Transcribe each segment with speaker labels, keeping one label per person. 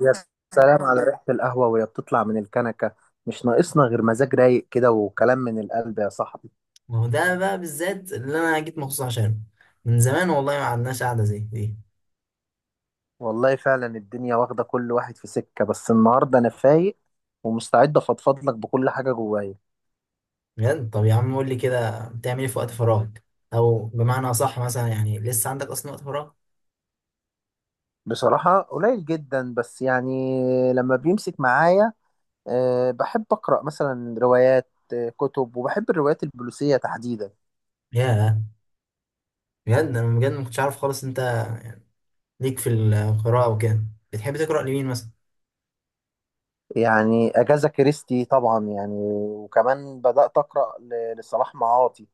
Speaker 1: يا سلام على ريحة القهوة وهي بتطلع من الكنكة. مش ناقصنا غير مزاج رايق كده وكلام من القلب يا صاحبي.
Speaker 2: ما هو ده بقى بالذات اللي انا جيت مخصوص عشانه. من زمان والله ما عندناش قعده زي دي.
Speaker 1: والله فعلا الدنيا واخدة كل واحد في سكة، بس النهاردة أنا فايق ومستعد أفضفض لك بكل حاجة جوايا.
Speaker 2: بجد. طب يا عم قول لي كده، بتعمل ايه في وقت فراغك؟ او بمعنى اصح مثلا يعني، لسه عندك اصلا وقت فراغ؟
Speaker 1: بصراحة قليل جدا، بس يعني لما بيمسك معايا بحب أقرأ مثلا روايات، كتب، وبحب الروايات البوليسية تحديدا.
Speaker 2: ياه، بجد انا بجد ما كنتش عارف خالص انت ليك في القراءه وكده. بتحب تقرا لمين مثلا؟
Speaker 1: يعني أجاثا كريستي طبعا، يعني وكمان بدأت أقرأ لصلاح معاطي،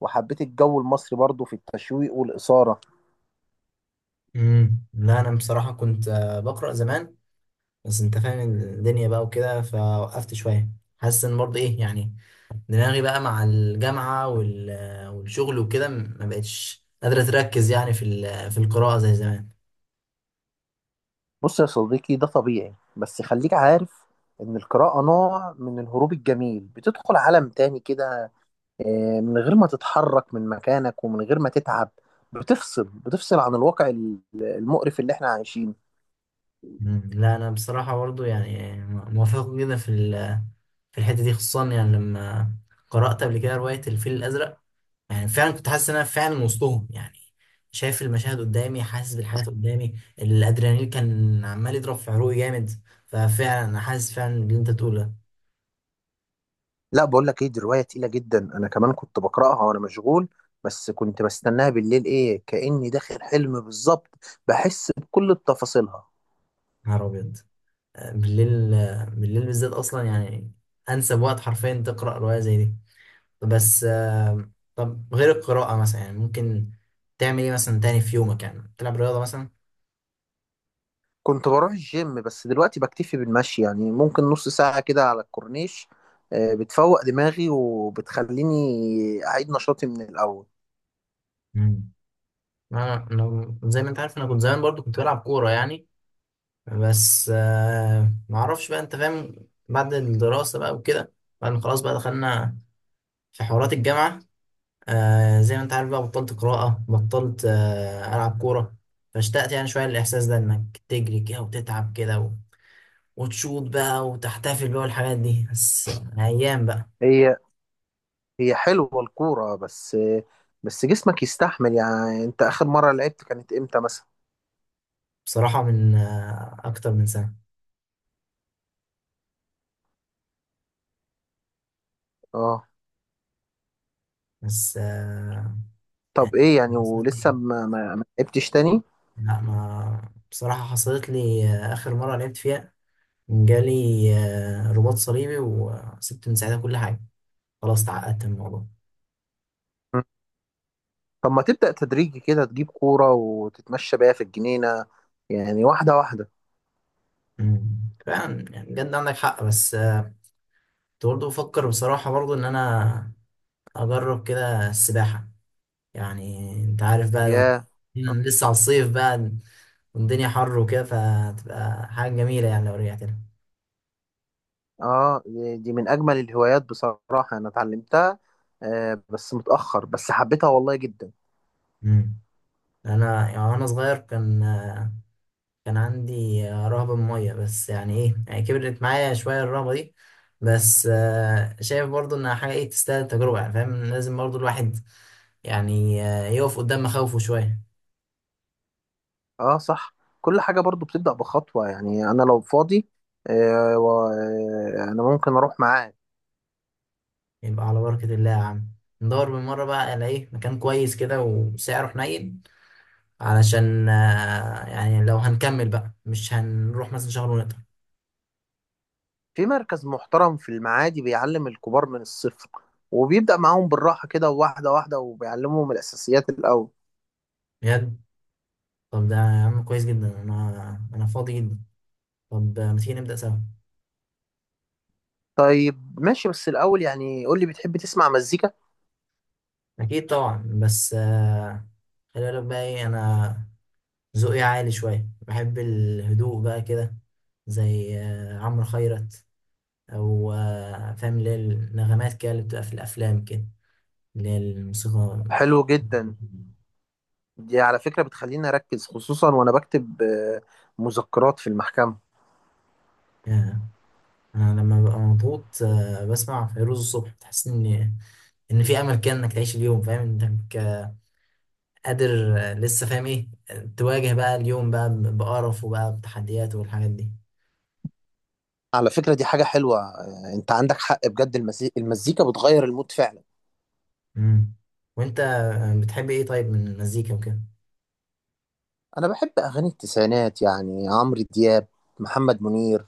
Speaker 1: وحبيت الجو المصري برضو في التشويق والإثارة.
Speaker 2: لا، انا بصراحه كنت بقرا زمان. بس انت فاهم الدنيا بقى وكده، فوقفت شويه. حاسس ان برضه ايه يعني، دماغي بقى مع الجامعة والشغل وكده ما بقتش قادرة تركز يعني في القراءة زي زمان.
Speaker 1: بص يا صديقي، ده طبيعي، بس خليك عارف إن القراءة نوع من الهروب الجميل، بتدخل عالم تاني كده، من غير ما تتحرك من مكانك ومن غير ما تتعب. بتفصل عن الواقع المقرف اللي احنا عايشينه.
Speaker 2: مم. لا أنا بصراحة برضو يعني موافق جدا في الحتة دي خصوصا، يعني لما قرأت قبل كده رواية الفيل الأزرق. يعني فعلا كنت حاسس إن أنا فعلا وسطهم، يعني شايف المشاهد قدامي، حاسس بالحاجات قدامي، الأدرينالين كان عمال يضرب في عروقي جامد. ففعلا أنا حاسس فعلا باللي أنت بتقوله يا.
Speaker 1: لا، بقول لك ايه، دي روايه تقيله جدا، انا كمان كنت بقراها وانا مشغول، بس كنت بستناها بالليل، ايه كاني داخل حلم بالظبط، بحس بكل تفاصيلها.
Speaker 2: نهار أبيض. بالليل. بالليل بالذات اصلا يعني انسب وقت حرفيا تقرا روايه زي دي. بس طب غير القراءه مثلا، يعني ممكن تعمل ايه مثلا تاني في يومك؟ يعني تلعب رياضه مثلا؟
Speaker 1: كنت بروح الجيم، بس دلوقتي بكتفي بالمشي، يعني ممكن نص ساعه كده على الكورنيش. بتفوق دماغي وبتخليني اعيد نشاطي من الاول.
Speaker 2: مم. انا زي ما انت عارف انا كنت زمان برضو كنت بلعب كوره يعني. بس ما اعرفش بقى انت فاهم. بعد الدراسه بقى وكده، بعد ما خلاص بقى دخلنا في حوارات الجامعه. زي ما انت عارف بقى، بطلت قراءة، بطلت ألعب كورة. فاشتقت يعني شوية للإحساس ده، إنك تجري كده وتتعب كده وتشوط بقى وتحتفل بقى والحاجات دي. بس أيام بقى.
Speaker 1: هي هي حلوه الكوره، بس بس جسمك يستحمل. يعني انت اخر مره لعبت كانت امتى مثلا؟
Speaker 2: بصراحة من أكتر من سنة.
Speaker 1: اه.
Speaker 2: بس
Speaker 1: طب
Speaker 2: يعني
Speaker 1: ايه يعني؟
Speaker 2: من سنة، إيه؟
Speaker 1: ولسه ما لعبتش تاني؟
Speaker 2: لا ما بصراحة، حصلت لي، آخر مرة لعبت فيها جالي رباط صليبي، وسبت من ساعتها كل حاجة. خلاص تعقدت من الموضوع.
Speaker 1: طب ما تبدأ تدريجي كده، تجيب كورة وتتمشى بيها في الجنينة، يعني واحدة واحدة.
Speaker 2: مم. فعلا يعني بجد عندك حق، بس كنت برضه بفكر بصراحة برضه إن أنا أجرب كده السباحة، يعني أنت عارف بقى
Speaker 1: يا
Speaker 2: إن لسه على الصيف بقى والدنيا حر وكده، فتبقى حاجة جميلة يعني لو رجعت لها.
Speaker 1: اه، دي من أجمل الهوايات بصراحة، أنا اتعلمتها بس متأخر، بس حبيتها والله جدا.
Speaker 2: أمم. أنا يعني وأنا صغير كان عندي رهبة من المية، بس يعني إيه، يعني كبرت معايا شوية الرهبة دي. بس شايف برضه إنها حاجة إيه تستاهل التجربة، يعني فاهم لازم برضه الواحد يعني يقف قدام مخاوفه شوية.
Speaker 1: اه صح، كل حاجة برضو بتبدأ بخطوة. يعني أنا لو فاضي، أنا ممكن أروح معاك.
Speaker 2: يبقى على بركة الله يا عم، ندور بالمرة بقى على ايه مكان كويس كده وسعره حنين، علشان يعني لو هنكمل بقى مش هنروح مثلا شهر ونقطع.
Speaker 1: في مركز محترم في المعادي بيعلم الكبار من الصفر، وبيبدأ معاهم بالراحة كده واحدة واحدة، وبيعلمهم الأساسيات الأول.
Speaker 2: بجد. طب ده يا عم كويس جدا، انا فاضي جدا. طب ما تيجي نبدأ سوا؟
Speaker 1: طيب ماشي، بس الأول يعني قول لي، بتحب تسمع مزيكا؟
Speaker 2: اكيد طبعا، بس خلي بالك بقى ايه، انا ذوقي عالي شوية، بحب الهدوء بقى كده، زي عمرو خيرت، او فاهم اللي هي النغمات كده اللي بتبقى في الافلام كده، اللي هي الموسيقى.
Speaker 1: حلو جدا، دي على فكرة بتخليني أركز، خصوصا وأنا بكتب مذكرات في المحكمة.
Speaker 2: آه. أنا لما ببقى مضغوط بسمع فيروز الصبح، تحس إن في أمل كده إنك تعيش اليوم، فاهم إنك قادر لسه فاهم إيه تواجه بقى اليوم بقى بقرف وبقى بتحديات والحاجات دي.
Speaker 1: على فكرة دي حاجة حلوة، أنت عندك حق بجد، المزيكا بتغير المود فعلا.
Speaker 2: مم. وأنت بتحب إيه طيب من المزيكا وكده؟
Speaker 1: أنا بحب أغاني التسعينات، يعني عمرو دياب، محمد منير،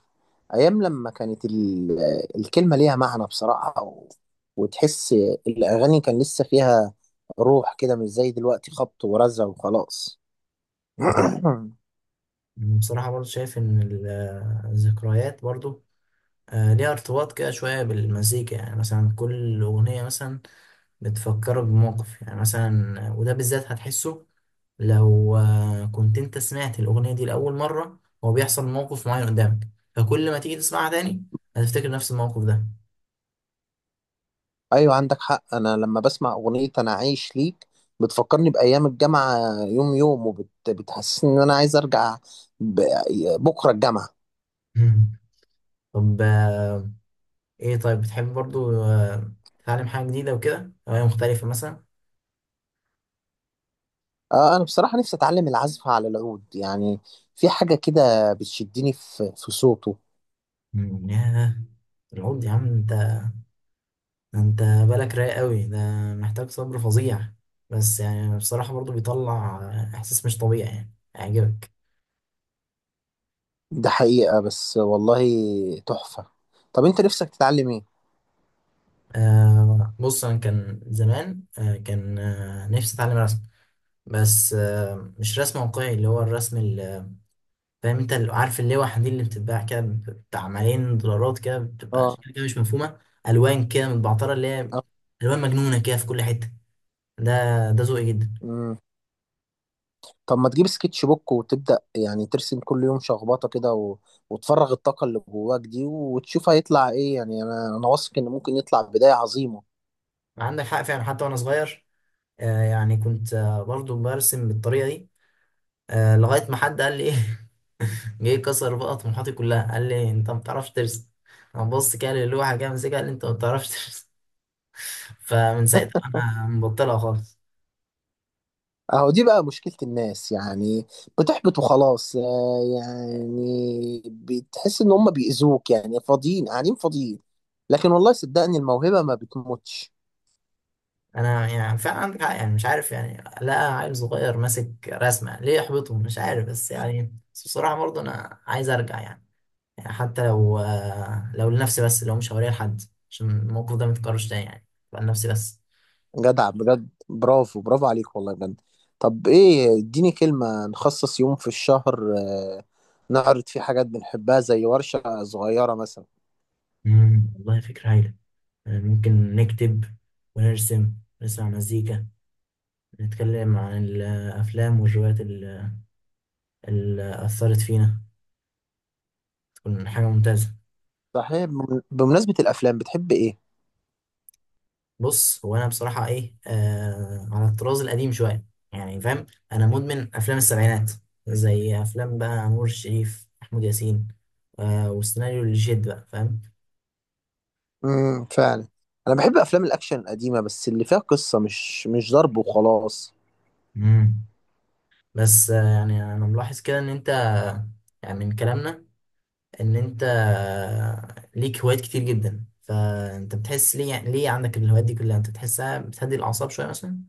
Speaker 1: أيام لما كانت الكلمة ليها معنى بصراحة، وتحس الأغاني كان لسه فيها روح كده، مش زي دلوقتي خبط ورزع وخلاص.
Speaker 2: مم. بصراحة برضه شايف إن الذكريات برضه ليها ارتباط كده شوية بالمزيكا، يعني مثلا كل أغنية مثلا بتفكرك بموقف، يعني مثلا وده بالذات هتحسه لو كنت انت سمعت الأغنية دي لأول مرة، هو بيحصل موقف معين قدامك، فكل ما تيجي تسمعها تاني هتفتكر نفس الموقف ده.
Speaker 1: ايوه عندك حق، انا لما بسمع اغنيه انا عايش ليك، بتفكرني بايام الجامعه، يوم يوم، وبتحسسني ان انا عايز ارجع ب- بكره الجامعه.
Speaker 2: طب ايه طيب بتحب برضو تتعلم حاجة جديدة وكده، هواية مختلفة مثلا؟
Speaker 1: انا بصراحه نفسي اتعلم العزف على العود، يعني في حاجه كده بتشدني في صوته.
Speaker 2: مم، ياه، العود يا عم! انت بالك رايق قوي ده، محتاج صبر فظيع، بس يعني بصراحة برضو بيطلع إحساس مش طبيعي يعني هيعجبك.
Speaker 1: ده حقيقه، بس والله تحفه. طب انت نفسك تتعلم ايه؟
Speaker 2: بص انا كان زمان كان نفسي اتعلم رسم. بس مش رسم واقعي، اللي هو الرسم اللي فاهم انت، اللي عارف اللوحه دي اللي بتتباع كده بتاع ملايين دولارات كده، بتبقى
Speaker 1: اه،
Speaker 2: اشكال كده مش مفهومه. الوان كده متبعتره، اللي هي
Speaker 1: آه،
Speaker 2: الوان مجنونه كده في كل حته. ده ده ذوقي جدا.
Speaker 1: مم. طب ما تجيب سكتش بوك وتبدأ يعني ترسم كل يوم شخبطة كده، و... وتفرغ الطاقة اللي جواك دي، وتشوف هيطلع ايه. يعني انا انا واثق ان ممكن يطلع بداية عظيمة.
Speaker 2: عندك حق فعلا، حتى وانا صغير يعني كنت برضو برسم بالطريقه دي. لغايه ما حد قال لي ايه جه كسر بقى طموحاتي كلها، قال لي انت ما بتعرفش ترسم. انا بص كده للوحه كده، مسكها، قال لي انت ما بتعرفش ترسم فمن ساعتها انا مبطلها خالص.
Speaker 1: اهو دي بقى مشكلة الناس، يعني بتحبط وخلاص، يعني بتحس ان هم بيأذوك، يعني فاضيين قاعدين فاضيين، لكن والله صدقني الموهبة ما بتموتش.
Speaker 2: انا يعني فعلا عندك حق يعني مش عارف يعني، لا عيل صغير ماسك رسمه ليه يحبطه مش عارف، بس يعني بس بصراحه برضه انا عايز ارجع يعني، حتى لو لنفسي بس، لو مش هوريها لحد، عشان الموقف ده ما يتكررش تاني يعني، يبقى لنفسي بس.
Speaker 1: جدع بجد، برافو برافو عليك والله بجد. طب ايه، اديني كلمة نخصص يوم في الشهر نعرض فيه حاجات بنحبها، زي ورشة صغيرة مثلا.
Speaker 2: مم، والله فكره هايله! يعني ممكن نكتب ونرسم، نسمع مزيكا، نتكلم عن الأفلام والروايات اللي أثرت فينا. تكون حاجة ممتازة.
Speaker 1: صحيح، بمناسبة الأفلام، بتحب ايه؟
Speaker 2: بص، هو أنا بصراحة إيه على الطراز القديم شوية يعني فاهم. أنا مدمن أفلام السبعينات، زي أفلام بقى نور الشريف، محمود ياسين، والسيناريو اللي جد بقى فاهم.
Speaker 1: فعلا، أنا بحب أفلام الأكشن القديمة، بس اللي فيها قصة، مش ضرب وخلاص.
Speaker 2: مم. بس يعني أنا ملاحظ كده إن أنت، يعني من كلامنا إن أنت ليك هوايات كتير جدا، فأنت بتحس ليه عندك الهوايات دي كلها؟ أنت بتحسها بتهدي الأعصاب شوية مثلا؟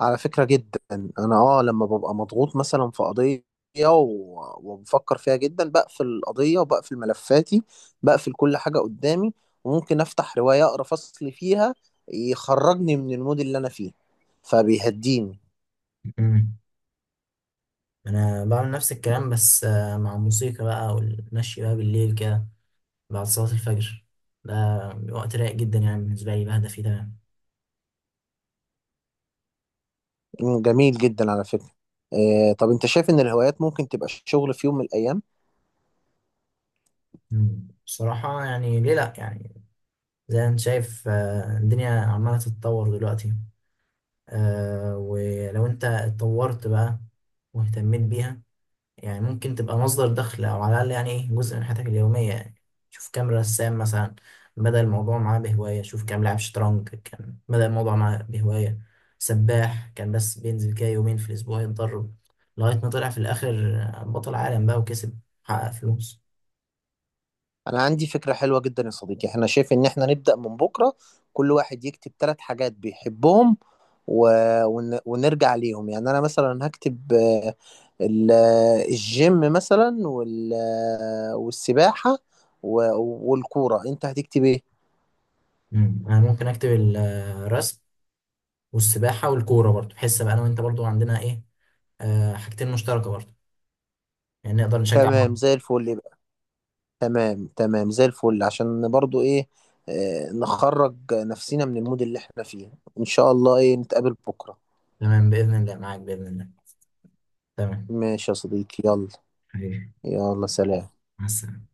Speaker 1: على فكرة جدا، انا اه لما ببقى مضغوط مثلا في قضية، وبفكر فيها جدا، بقفل القضية وبقفل ملفاتي، بقفل كل حاجة قدامي، وممكن افتح رواية اقرا فصل فيها، يخرجني من المود اللي انا فيه، فبيهديني.
Speaker 2: مم. انا بعمل نفس الكلام، بس مع الموسيقى بقى، والمشي بقى بالليل كده بعد صلاة الفجر. ده وقت رايق جدا يعني بالنسبة لي، بهدى فيه تمام.
Speaker 1: مم، جميل جدا على فكرة. طب انت شايف ان الهوايات ممكن تبقى شغل في يوم من الايام؟
Speaker 2: مم. بصراحة يعني ليه لأ يعني. زي ما انت شايف الدنيا عمالة تتطور دلوقتي، ولو انت اتطورت بقى واهتميت بيها، يعني ممكن تبقى مصدر دخل أو على الأقل يعني إيه جزء من حياتك اليومية يعني. شوف كام رسام مثلا بدأ الموضوع معاه بهواية، شوف كام لاعب شطرنج كان بدأ الموضوع معاه بهواية، سباح كان بس بينزل كده يومين في الأسبوع يتدرب، لغاية ما طلع في الآخر بطل عالم بقى وكسب، حقق فلوس.
Speaker 1: انا عندي فكرة حلوة جدا يا صديقي، احنا شايف ان احنا نبدأ من بكرة، كل واحد يكتب 3 حاجات بيحبهم، و... ونرجع عليهم. يعني انا مثلا هكتب آه، ال... آه، الجيم مثلا، وال... آه، والسباحة، و... والكورة. انت هتكتب ايه؟
Speaker 2: مم. أنا ممكن أكتب الرسم والسباحة والكورة. برضه بحس بقى أنا وأنت برضه عندنا إيه حاجتين مشتركة برضه، يعني نقدر نشجع بعض.
Speaker 1: تمام
Speaker 2: مم.
Speaker 1: زي الفل يبقى. تمام تمام زي الفل، عشان برضو ايه، نخرج نفسنا من المود اللي احنا فيه. ان شاء الله ايه نتقابل بكرة.
Speaker 2: تمام بإذن الله، معاك بإذن الله، تمام،
Speaker 1: ماشي يا صديقي، يلا.
Speaker 2: حبيبي،
Speaker 1: يلا سلام.
Speaker 2: مع السلامة.